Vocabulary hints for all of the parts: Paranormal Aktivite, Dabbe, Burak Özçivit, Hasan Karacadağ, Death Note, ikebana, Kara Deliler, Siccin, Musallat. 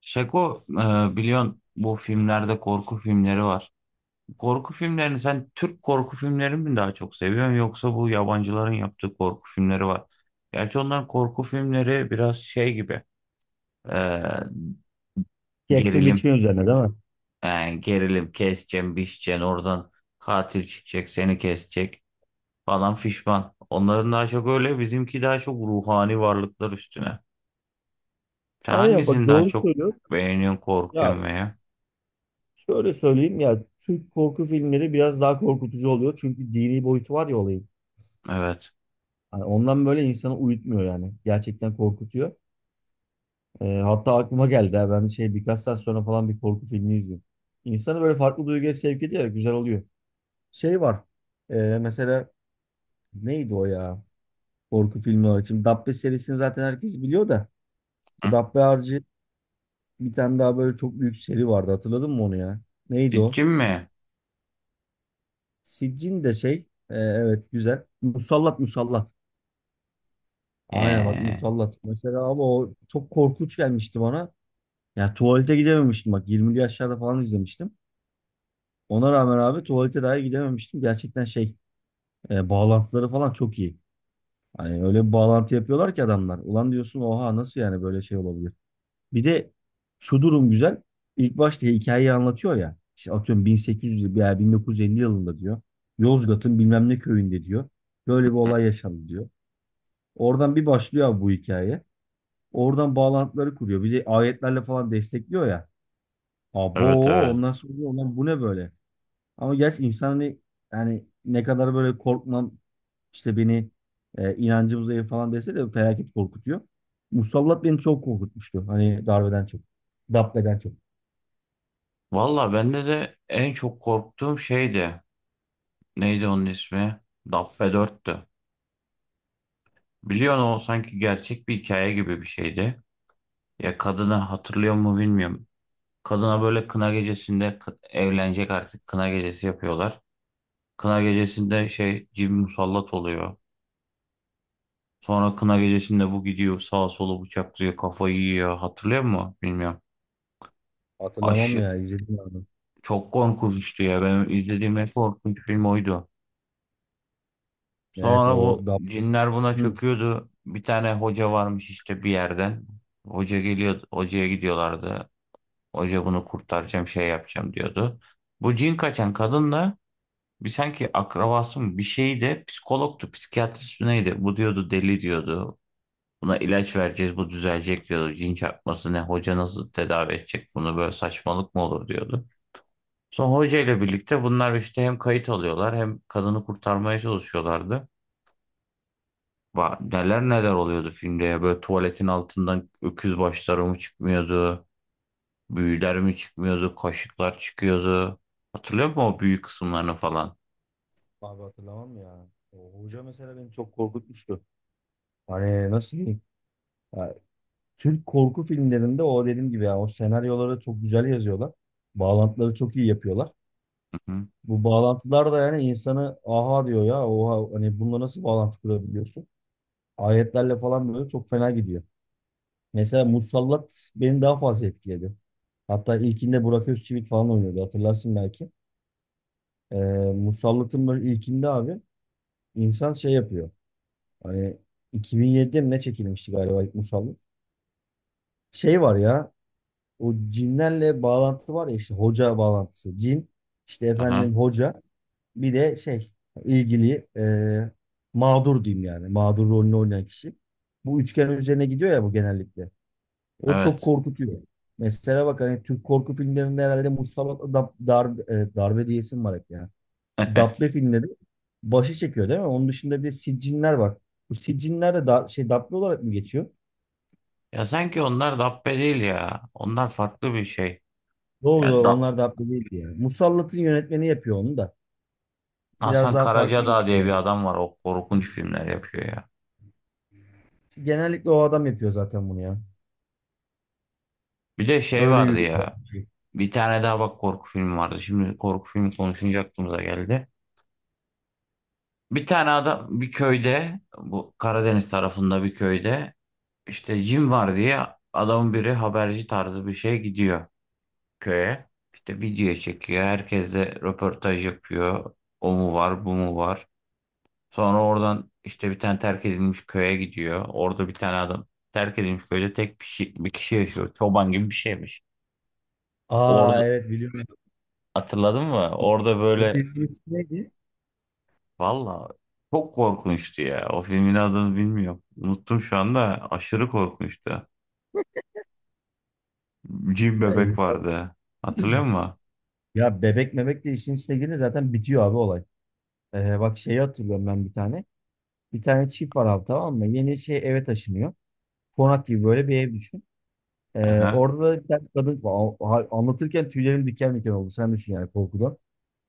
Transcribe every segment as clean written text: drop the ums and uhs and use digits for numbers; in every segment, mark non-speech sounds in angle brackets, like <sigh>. Şeko biliyorsun bu filmlerde korku filmleri var. Korku filmlerini sen Türk korku filmlerini mi daha çok seviyorsun yoksa bu yabancıların yaptığı korku filmleri var. Gerçi onların korku filmleri biraz şey gibi e, Kesme gerilim, biçme üzerine değil mi? yani gerilim keseceksin biçeceksin oradan katil çıkacak seni kesecek falan fişman. Onların daha çok öyle, bizimki daha çok ruhani varlıklar üstüne. Sen Aynen bak hangisini daha doğru çok söylüyorsun. beğeniyorsun, korkuyorsun Ya veya? Şöyle söyleyeyim ya, Türk korku filmleri biraz daha korkutucu oluyor. Çünkü dini boyutu var ya olayın. Evet. Hani ondan böyle insanı uyutmuyor yani. Gerçekten korkutuyor. Hatta aklıma geldi ha, ben şey birkaç saat sonra falan bir korku filmi izledim. İnsanı böyle farklı duyguya sevk ediyor ya, güzel oluyor. Şey var. Mesela neydi o ya? Korku filmi olarak. Şimdi Dabbe serisini zaten herkes biliyor da. Bu Dabbe harici bir tane daha böyle çok büyük seri vardı. Hatırladın mı onu ya? Neydi o? Sitchin mi? Siccin de şey, evet, güzel. Musallat, musallat. Aynen bak, Ee, musallat. Mesela abi o çok korkunç gelmişti bana. Ya tuvalete gidememiştim bak, 20'li yaşlarda falan izlemiştim. Ona rağmen abi tuvalete dahi gidememiştim. Gerçekten şey, bağlantıları falan çok iyi. Hani öyle bir bağlantı yapıyorlar ki adamlar. Ulan diyorsun, oha nasıl yani, böyle şey olabilir. Bir de şu durum güzel. İlk başta hikayeyi anlatıyor ya. İşte atıyorum 1800 veya 1950 yılında diyor. Yozgat'ın bilmem ne köyünde diyor. Böyle bir olay yaşandı diyor. Oradan bir başlıyor abi bu hikaye. Oradan bağlantıları kuruyor. Bir de ayetlerle falan destekliyor ya. evet Abo evet. ondan sonra diyor, "Ulan bu ne böyle?" Ama gerçi insan hani, yani ne kadar böyle korkmam, işte beni, inancım zayıf falan dese de felaket korkutuyor. Musallat beni çok korkutmuştu. Hani darbeden çok. Dabbe'den çok. Valla bende de en çok korktuğum şeydi. Neydi onun ismi? Dabbe 4'tü. Biliyorsun o sanki gerçek bir hikaye gibi bir şeydi. Ya kadını hatırlıyor mu bilmiyorum. Kadına böyle kına gecesinde evlenecek artık, kına gecesi yapıyorlar. Kına gecesinde şey cin musallat oluyor. Sonra kına gecesinde bu gidiyor sağa solu bıçaklıyor, kafayı yiyor. Hatırlıyor musun? Bilmiyorum. Hatırlamam Aşı, ya, izledim abi. Çok korkunçtu ya. Benim izlediğim en korkunç film oydu. Evet, Sonra bu o Dabbe. cinler buna Hı. çöküyordu. Bir tane hoca varmış işte bir yerden. Hoca geliyor, hocaya gidiyorlardı. Hoca bunu kurtaracağım, şey yapacağım diyordu. Bu cin kaçan kadınla bir sanki akrabası mı bir şeyi de psikologtu, psikiyatrist mi neydi? Bu diyordu deli diyordu. Buna ilaç vereceğiz, bu düzelecek diyordu. Cin çarpması ne, hoca nasıl tedavi edecek bunu, böyle saçmalık mı olur diyordu. Sonra hoca ile birlikte bunlar işte hem kayıt alıyorlar hem kadını kurtarmaya çalışıyorlardı. Neler neler oluyordu filmde ya. Böyle tuvaletin altından öküz başları mı çıkmıyordu? Büyüler mi çıkmıyordu? Kaşıklar çıkıyordu. Hatırlıyor musun o büyük kısımlarını falan? Abi hatırlamam ya. O hoca mesela beni çok korkutmuştu. Hani nasıl diyeyim? Ya Türk korku filmlerinde o dediğim gibi, yani o senaryoları çok güzel yazıyorlar. Bağlantıları çok iyi yapıyorlar. Hı hı. Bu bağlantılar da yani insanı, aha diyor ya, oha, hani bununla nasıl bağlantı kurabiliyorsun? Ayetlerle falan böyle çok fena gidiyor. Mesela Musallat beni daha fazla etkiledi. Hatta ilkinde Burak Özçivit falan oynuyordu, hatırlarsın belki. Ee, Musallat'ın böyle ilkinde abi insan şey yapıyor. Hani 2007'de mi ne çekilmişti galiba ilk Musallat? Şey var ya, o cinlerle bağlantı var ya, işte hoca bağlantısı. Cin, işte Aha, efendim hoca, bir de şey ilgili, mağdur diyeyim, yani mağdur rolünü oynayan kişi. Bu üçgen üzerine gidiyor ya bu genellikle. O çok evet. korkutuyor. Mesela bak, hani Türk korku filmlerinde herhalde Mustafa Dab, darbe, darbe diyesim var hep ya. Dabbe <laughs> filmleri başı çekiyor değil mi? Onun dışında bir de siccinler var. Bu siccinler de da, şey Dabbe olarak mı geçiyor? Ya sanki onlar Dabbe değil ya. Onlar farklı bir şey. Doğru Yani doğru, da onlar Dabbe değildi yani. Musallat'ın yönetmeni yapıyor onu da. Biraz Hasan daha farklı Karacadağ diye yürüyor bir yani. adam var. O korkunç filmler yapıyor ya. Genellikle o adam yapıyor zaten bunu ya. Bir de şey Öyle vardı yürüyorlar ya. bence. Bir tane daha bak, korku filmi vardı. Şimdi korku filmi konuşunca aklımıza geldi. Bir tane adam bir köyde, bu Karadeniz tarafında bir köyde işte cin var diye adamın biri haberci tarzı bir şeye gidiyor köye. İşte video çekiyor. Herkesle röportaj yapıyor. O mu var, bu mu var. Sonra oradan işte bir tane terk edilmiş köye gidiyor. Orada bir tane adam, terk edilmiş köyde tek bir, şey, bir kişi yaşıyor. Çoban gibi bir şeymiş. Aa, Orada evet biliyorum. hatırladın mı? Orada O böyle ismi neydi? Valla çok korkunçtu ya. O filmin adını bilmiyorum. Unuttum şu anda. Aşırı korkunçtu. Cin Ya, bebek insan- vardı. Hatırlıyor musun? ya bebek mebek de işin içine girince zaten bitiyor abi olay. Bak şeyi hatırlıyorum ben bir tane. Bir tane çift var abi, tamam mı? Yeni şey eve taşınıyor. Konak gibi böyle bir ev düşün. Aha. Orada da bir tane kadın, aa, ha- anlatırken tüylerim diken diken oldu. Sen düşün yani korkudan.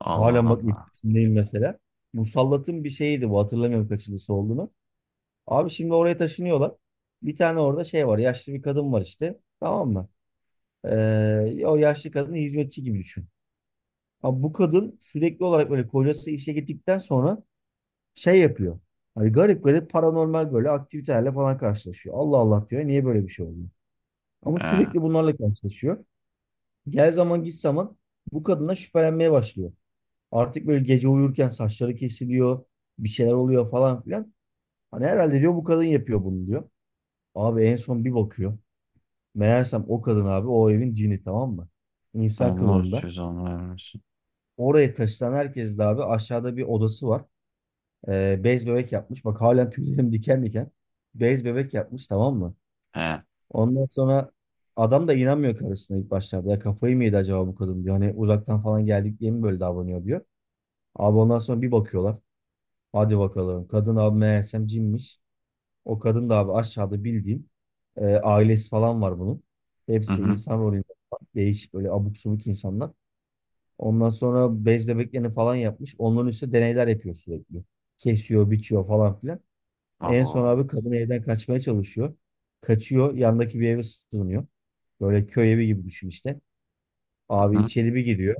Allah Halen bak Allah. etkisindeyim mesela. Musallat'ın bir şeyiydi bu, hatırlamıyorum kaçıncısı olduğunu. Abi şimdi oraya taşınıyorlar. Bir tane orada şey var. Yaşlı bir kadın var işte. Tamam mı? O yaşlı kadını hizmetçi gibi düşün. Ama bu kadın sürekli olarak böyle kocası işe gittikten sonra şey yapıyor. Hani garip garip paranormal böyle aktivitelerle falan karşılaşıyor. Allah Allah diyor. Niye böyle bir şey oluyor? Ama He. sürekli bunlarla karşılaşıyor. Gel zaman git zaman bu kadına şüphelenmeye başlıyor. Artık böyle gece uyurken saçları kesiliyor. Bir şeyler oluyor falan filan. Hani herhalde diyor bu kadın yapıyor bunu diyor. Abi en son bir bakıyor. Meğersem o kadın abi o evin cini, tamam mı? İnsan Allah kılığında. cezanı vermesin. Oraya taşınan herkes de abi, aşağıda bir odası var. Bez bebek yapmış. Bak halen <laughs> tüylerim diken diken. Bez bebek yapmış, tamam mı? He. Ondan sonra adam da inanmıyor karısına ilk başlarda. Ya kafayı mı yedi acaba bu kadın diyor. Hani uzaktan falan geldik diye mi böyle davranıyor diyor. Abi ondan sonra bir bakıyorlar. Hadi bakalım. Kadın abi meğersem cinmiş. O kadın da abi aşağıda bildiğin, ailesi falan var bunun. Hı Hepsi hı. insan rolünde falan. Değişik böyle abuk subuk insanlar. Ondan sonra bez bebeklerini falan yapmış. Onların üstüne deneyler yapıyor sürekli. Kesiyor, biçiyor falan filan. En son Abo. abi kadın evden kaçmaya çalışıyor. Kaçıyor, yandaki bir eve sığınıyor. Böyle köy evi gibi düşün işte. Hı Abi hı. içeri bir giriyor.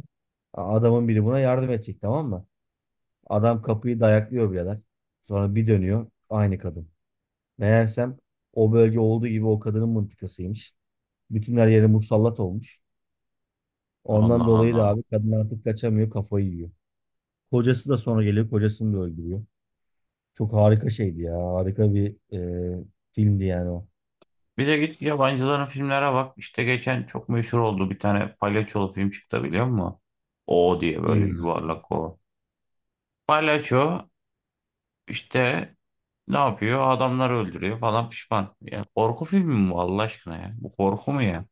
A- Adamın biri buna yardım edecek, tamam mı? Adam kapıyı dayaklıyor birader. Sonra bir dönüyor. Aynı kadın. Meğersem o bölge olduğu gibi o kadının mıntıkasıymış. Bütün her yeri musallat olmuş. Ondan Allah dolayı da Allah. abi kadın artık kaçamıyor, kafayı yiyor. Kocası da sonra geliyor. Kocasını da öldürüyor. Çok harika şeydi ya. Harika bir filmdi yani o. Bir de git yabancıların filmlere bak. İşte geçen çok meşhur oldu. Bir tane palyaçolu film çıktı biliyor musun? O diye böyle Filmdi yani. yuvarlak o. Palyaço işte Ne yapıyor? Adamları öldürüyor falan pişman. Ya korku filmi mi bu Allah aşkına ya? Bu korku mu ya?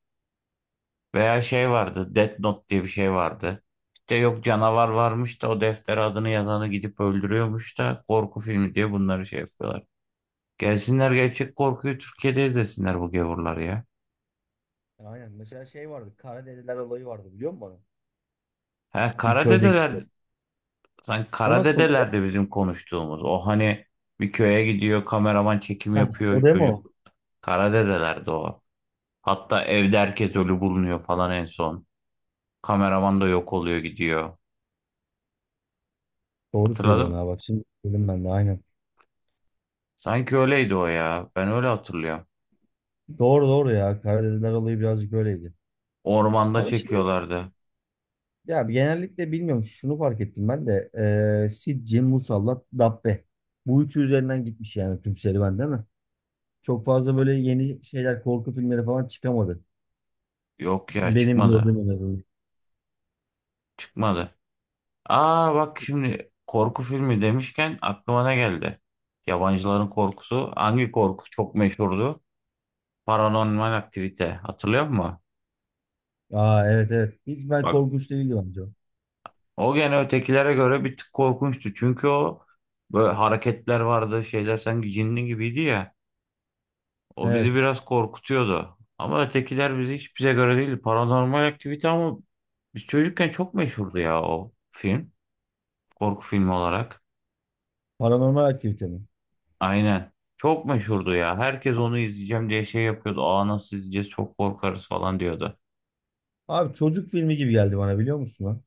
Veya şey vardı. Death Note diye bir şey vardı. İşte yok canavar varmış da o defter adını yazanı gidip öldürüyormuş da korku filmi diye bunları şey yapıyorlar. Gelsinler gerçek korkuyu Türkiye'de izlesinler bu gavurlar ya. Aynen. Mesela şey vardı. Kara Deliler olayı vardı, biliyor musun onu? Ha, Bir köyde Karadedeler, geçiyor. dedeler sanki O kara nasıldı? de bizim konuştuğumuz. O hani bir köye gidiyor, kameraman çekim Heh, o yapıyor değil mi çocuk. o? Kara de o. Hatta evde herkes ölü bulunuyor falan en son. Kameraman da yok oluyor gidiyor. Doğru söylüyorsun Hatırladım. ha, bak şimdi söyledim ben de, aynen. Sanki öyleydi o ya. Ben öyle hatırlıyorum. Doğru doğru ya. Kara Deliler olayı birazcık öyleydi. Ormanda Ama şey, çekiyorlardı. ya genellikle bilmiyorum şunu fark ettim ben de. Sidci, Musallat, Dabbe. Bu üçü üzerinden gitmiş yani tüm serüven değil mi? Çok fazla böyle yeni şeyler korku filmleri falan çıkamadı. Yok ya, Benim çıkmadı. gördüğüm en azından. Çıkmadı. Aa bak, şimdi korku filmi demişken aklıma ne geldi? Yabancıların korkusu. Hangi korku çok meşhurdu? Paranormal aktivite. Hatırlıyor musun? Aa evet, evet. Hiç, ben Bak, korkunç değildi bence o. o gene ötekilere göre bir tık korkunçtu. Çünkü o böyle hareketler vardı. Şeyler sanki cinli gibiydi ya. O bizi Evet. biraz korkutuyordu. Ama ötekiler bizi hiç, bize göre değildi. Paranormal aktivite ama biz çocukken çok meşhurdu ya o film. Korku filmi olarak. Paranormal aktivite mi? Aynen. Çok meşhurdu ya. Herkes onu izleyeceğim diye şey yapıyordu. Aa nasıl izleyeceğiz çok korkarız falan diyordu. Abi çocuk filmi gibi geldi bana, biliyor musun lan?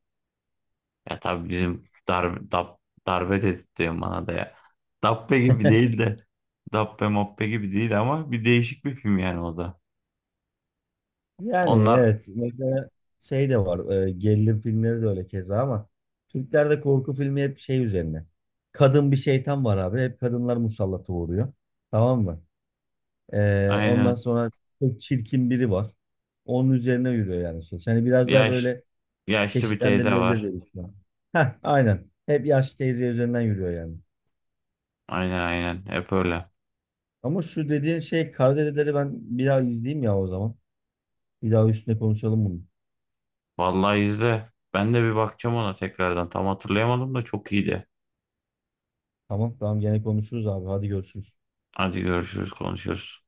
Ya tabii bizim darbe, dap, darbe dedirtiyor bana da ya. Dabbe gibi değil de. Dabbe mabbe gibi değil ama bir değişik bir film yani o da. Yani Onlar evet. Mesela şey de var. Gerilim filmleri de öyle keza ama Türklerde korku filmi hep şey üzerine. Kadın bir şeytan var abi. Hep kadınlar musallata uğruyor. Tamam mı? Ondan aynen. sonra çok çirkin biri var. Onun üzerine yürüyor yani. Söz. Yani biraz daha Yaş, böyle yaşlı bir teyze çeşitlendirilebilir var. diye düşünüyorum. Heh, aynen. Hep yaşlı teyze üzerinden yürüyor yani. Aynen aynen, hep öyle. Ama şu dediğin şey Karadedeleri ben bir daha izleyeyim ya o zaman. Bir daha üstüne konuşalım bunu. Vallahi izle. Ben de bir bakacağım ona tekrardan. Tam hatırlayamadım da çok iyiydi. Tamam tamam, gene konuşuruz abi. Hadi görüşürüz. Hadi görüşürüz, konuşuruz.